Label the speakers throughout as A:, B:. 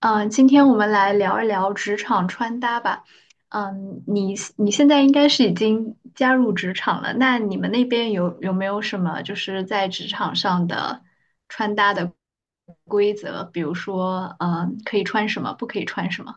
A: 嗯，今天我们来聊一聊职场穿搭吧。你现在应该是已经加入职场了，那你们那边有没有什么就是在职场上的穿搭的规则？比如说，可以穿什么，不可以穿什么？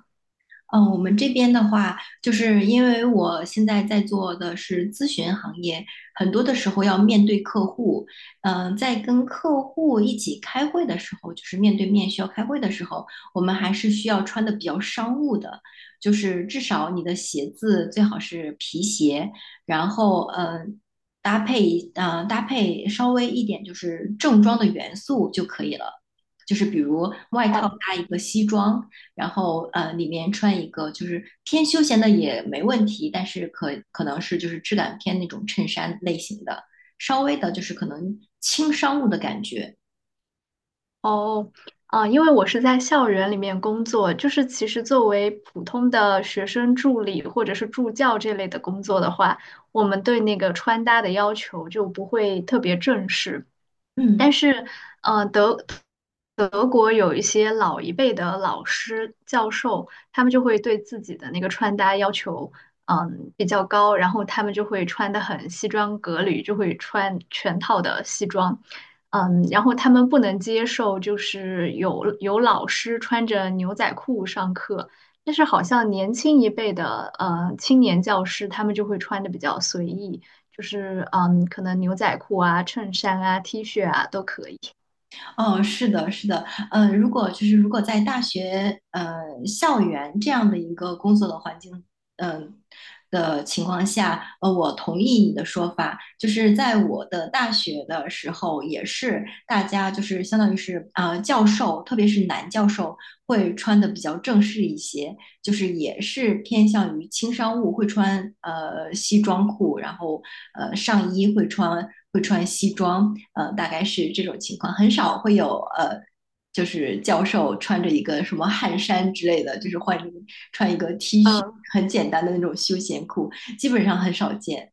B: 我们这边的话，就是因为我现在在做的是咨询行业，很多的时候要面对客户。在跟客户一起开会的时候，就是面对面需要开会的时候，我们还是需要穿的比较商务的，就是至少你的鞋子最好是皮鞋，然后搭配搭配稍微一点就是正装的元素就可以了。就是比如外套
A: 哦。
B: 搭一个西装，然后里面穿一个就是偏休闲的也没问题，但是可能是就是质感偏那种衬衫类型的，稍微的就是可能轻商务的感觉。
A: 哦，啊，因为我是在校园里面工作，就是其实作为普通的学生助理或者是助教这类的工作的话，我们对那个穿搭的要求就不会特别正式。但
B: 嗯。
A: 是，呃，德德国有一些老一辈的老师、教授，他们就会对自己的那个穿搭要求，比较高，然后他们就会穿的很西装革履，就会穿全套的西装。然后他们不能接受，就是有老师穿着牛仔裤上课，但是好像年轻一辈的青年教师，他们就会穿的比较随意，就是可能牛仔裤啊、衬衫啊、T 恤啊都可以。
B: 哦，是的，是的，如果在大学校园这样的一个工作的环境，嗯、的情况下，我同意你的说法，就是在我的大学的时候，也是大家就是相当于是教授，特别是男教授会穿的比较正式一些，就是也是偏向于轻商务，会穿西装裤，然后上衣会穿西装，大概是这种情况，很少会有就是教授穿着一个什么汗衫之类的，就是换穿一个 T 恤，
A: 嗯。
B: 很简单的那种休闲裤，基本上很少见。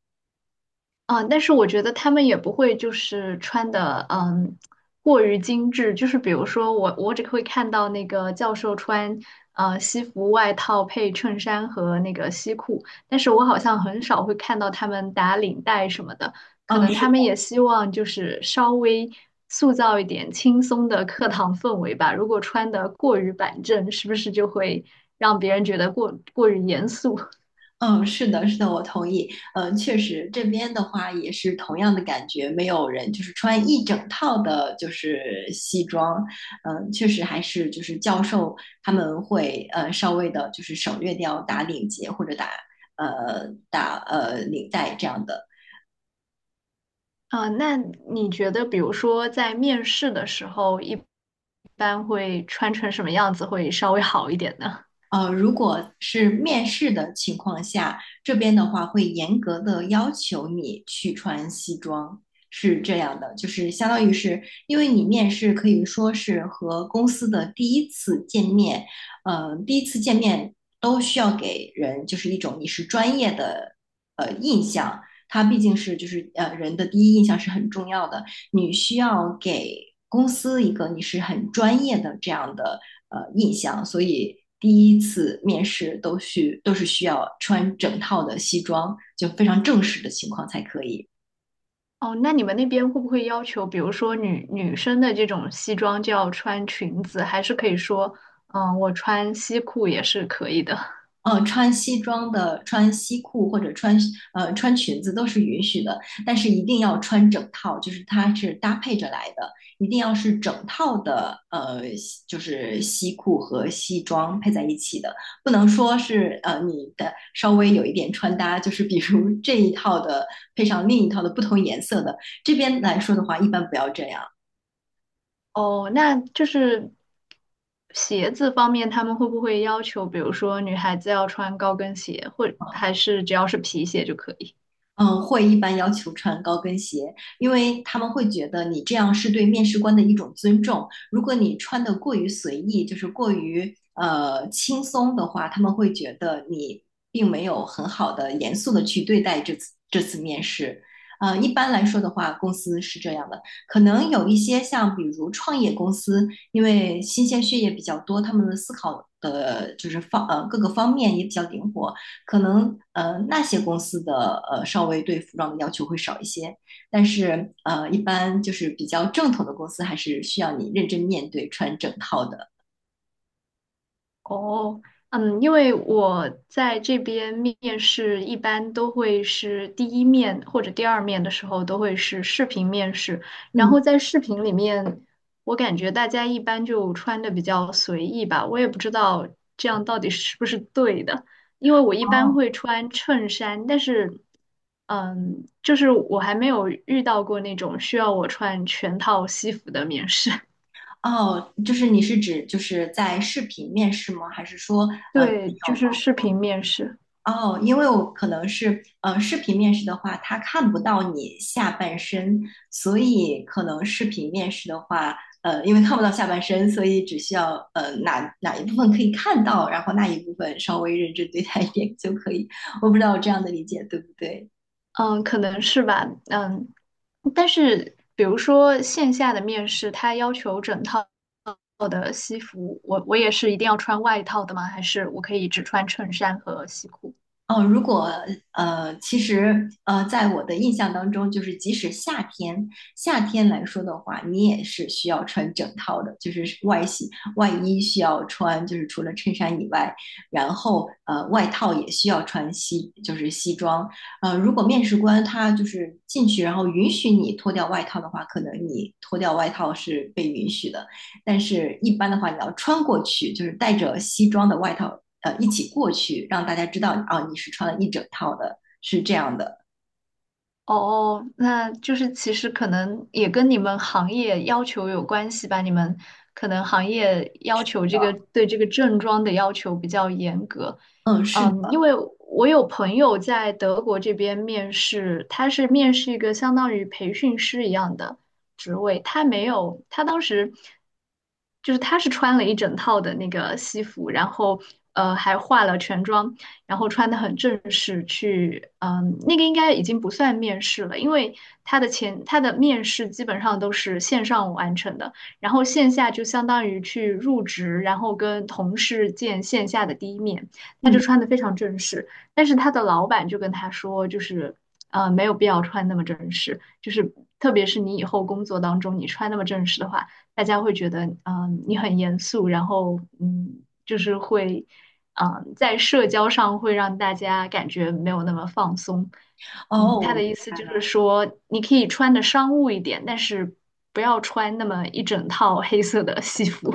A: 啊，但是我觉得他们也不会就是穿的，过于精致。就是比如说我只会看到那个教授穿西服外套配衬衫和那个西裤，但是我好像很少会看到他们打领带什么的。可
B: 哦，
A: 能他
B: 是。
A: 们也希望就是稍微塑造一点轻松的课堂氛围吧。如果穿的过于板正，是不是就会让别人觉得过于严肃？
B: 嗯，是的，是的，我同意。嗯，确实，这边的话也是同样的感觉，没有人就是穿一整套的，就是西装。嗯，确实还是就是教授他们会稍微的，就是省略掉打领结或者打领带这样的。
A: 啊，那你觉得，比如说在面试的时候，一般会穿成什么样子会稍微好一点呢？
B: 如果是面试的情况下，这边的话会严格的要求你去穿西装，是这样的，就是相当于是因为你面试可以说是和公司的第一次见面，第一次见面都需要给人就是一种你是专业的印象，它毕竟是就是人的第一印象是很重要的，你需要给公司一个你是很专业的这样的印象，所以第一次面试都是需要穿整套的西装，就非常正式的情况才可以。
A: 哦，那你们那边会不会要求，比如说女生的这种西装就要穿裙子，还是可以说，我穿西裤也是可以的？
B: 穿西装的、穿西裤或者穿穿裙子都是允许的，但是一定要穿整套，就是它是搭配着来的，一定要是整套的，就是西裤和西装配在一起的，不能说是你的稍微有一点穿搭，就是比如 这一套的配上另一套的不同颜色的，这边来说的话，一般不要这样。
A: 哦，那就是鞋子方面，他们会不会要求，比如说女孩子要穿高跟鞋，或
B: 啊，
A: 还是只要是皮鞋就可以？
B: 嗯，会一般要求穿高跟鞋，因为他们会觉得你这样是对面试官的一种尊重。如果你穿的过于随意，就是过于轻松的话，他们会觉得你并没有很好的严肃的去对待这次面试。一般来说的话，公司是这样的，可能有一些像比如创业公司，因为新鲜血液比较多，他们的思考的就是各个方面也比较灵活，可能那些公司的稍微对服装的要求会少一些，但是一般就是比较正统的公司还是需要你认真面对穿整套的。
A: 哦，因为我在这边面试一般都会是第一面或者第二面的时候都会是视频面试，然
B: 嗯，
A: 后在视频里面，我感觉大家一般就穿的比较随意吧，我也不知道这样到底是不是对的，因为我一般
B: 哦
A: 会穿衬衫，但是，就是我还没有遇到过那种需要我穿全套西服的面试，
B: 哦，就是你是指就是在视频面试吗？还是说 呃
A: 对，就
B: 有
A: 是视频面试。
B: 哦，因为我可能是视频面试的话，他看不到你下半身，所以可能视频面试的话，因为看不到下半身，所以只需要哪一部分可以看到，然后那一部分稍微认真对待一点就可以。我不知道我这样的理解对不对？
A: 嗯，可能是吧，但是比如说线下的面试，他要求整套的西服，我也是一定要穿外套的吗？还是我可以只穿衬衫和西裤？
B: 哦，如果其实在我的印象当中，就是即使夏天，夏天来说的话，你也是需要穿整套的，就是外洗，外衣需要穿，就是除了衬衫以外，然后外套也需要穿西，就是西装。如果面试官他就是进去，然后允许你脱掉外套的话，可能你脱掉外套是被允许的。但是一般的话，你要穿过去，就是带着西装的外套，一起过去，让大家知道啊，你是穿了一整套的，是这样的。
A: 哦，哦那就是其实可能也跟你们行业要求有关系吧。你们可能行业要求这个对这个正装的要求比较严格。
B: 嗯，是
A: 因
B: 的，
A: 为我有朋友在德国这边面试，他是面试一个相当于培训师一样的职位，他没有，他当时就是他是穿了一整套的那个西服，然后还化了全妆，然后穿得很正式去，那个应该已经不算面试了，因为他的面试基本上都是线上完成的，然后线下就相当于去入职，然后跟同事见线下的第一面，他就
B: 嗯，
A: 穿得非常正式，但是他的老板就跟他说，就是没有必要穿那么正式，就是特别是你以后工作当中你穿那么正式的话，大家会觉得你很严肃，然后就是会。在社交上会让大家感觉没有那么放松。
B: 哦，
A: 他的
B: 我
A: 意思就是说，你可以穿的商务一点，但是不要穿那么一整套黑色的西服。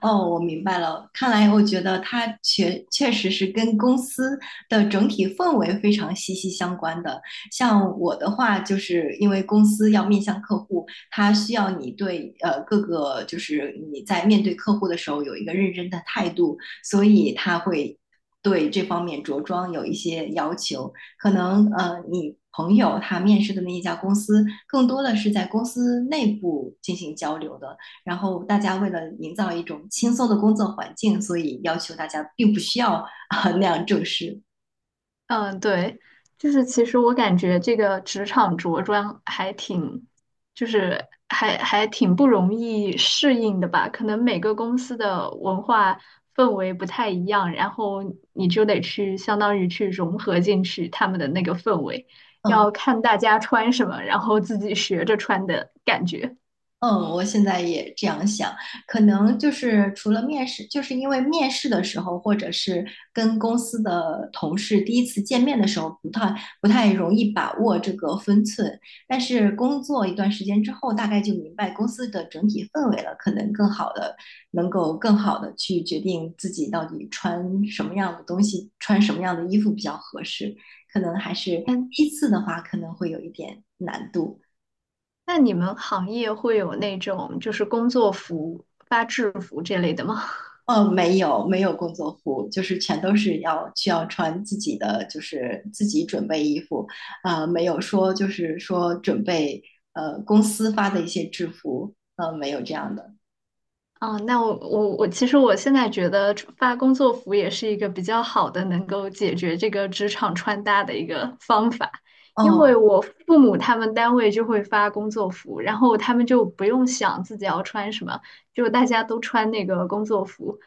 B: 哦，我明白了。看来我觉得它确确实是跟公司的整体氛围非常息息相关的。像我的话，就是因为公司要面向客户，它需要你对各个就是你在面对客户的时候有一个认真的态度，所以它会对这方面着装有一些要求。可能你。朋友他面试的那一家公司，更多的是在公司内部进行交流的，然后大家为了营造一种轻松的工作环境，所以要求大家并不需要啊、那样正式。
A: 嗯，对，就是其实我感觉这个职场着装还挺，就是还挺不容易适应的吧。可能每个公司的文化氛围不太一样，然后你就得去相当于去融合进去他们的那个氛围，
B: 嗯，
A: 要看大家穿什么，然后自己学着穿的感觉。
B: 嗯，我现在也这样想，可能就是除了面试，就是因为面试的时候，或者是跟公司的同事第一次见面的时候，不太容易把握这个分寸。但是工作一段时间之后，大概就明白公司的整体氛围了，可能更好的能够更好的去决定自己到底穿什么样的东西，穿什么样的衣服比较合适。可能还是
A: 嗯，
B: 第一次的话，可能会有一点难度。
A: 那你们行业会有那种就是工作服、发制服这类的吗？
B: 没有工作服，就是全都是需要穿自己的，就是自己准备衣服，没有说就是说准备公司发的一些制服，没有这样的。
A: 啊，那我，其实我现在觉得发工作服也是一个比较好的能够解决这个职场穿搭的一个方法，因为
B: 哦，
A: 我父母他们单位就会发工作服，然后他们就不用想自己要穿什么，就大家都穿那个工作服。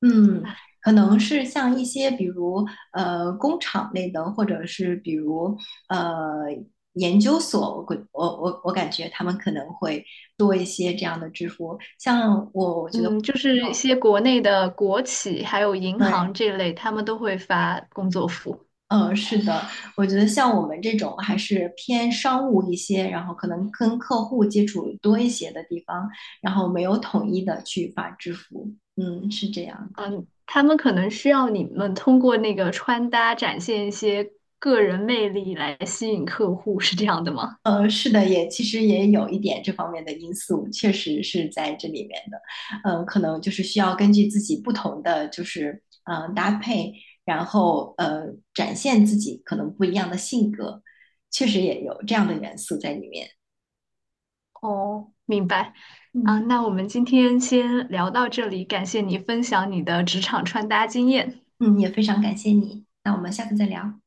B: 嗯，
A: 啊
B: 可能是像一些比如工厂类的，或者是比如呃研究所，我感觉他们可能会多一些这样的制服，像我觉得。
A: 嗯，就是一些国内的国企还有银
B: 对，
A: 行这类，他们都会发工作服。
B: 嗯，是的，我觉得像我们这种还是偏商务一些，然后可能跟客户接触多一些的地方，然后没有统一的去发支付，嗯，是这样的。
A: 嗯，他们可能需要你们通过那个穿搭展现一些个人魅力来吸引客户，是这样的吗？
B: 是的，也其实也有一点这方面的因素，确实是在这里面的。嗯，可能就是需要根据自己不同的就是搭配，然后展现自己可能不一样的性格，确实也有这样的元素在里面。
A: 哦，明白。啊，
B: 嗯。
A: 那我们今天先聊到这里，感谢你分享你的职场穿搭经验。
B: 嗯，也非常感谢你，那我们下次再聊，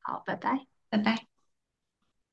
A: 好，拜拜。
B: 拜拜。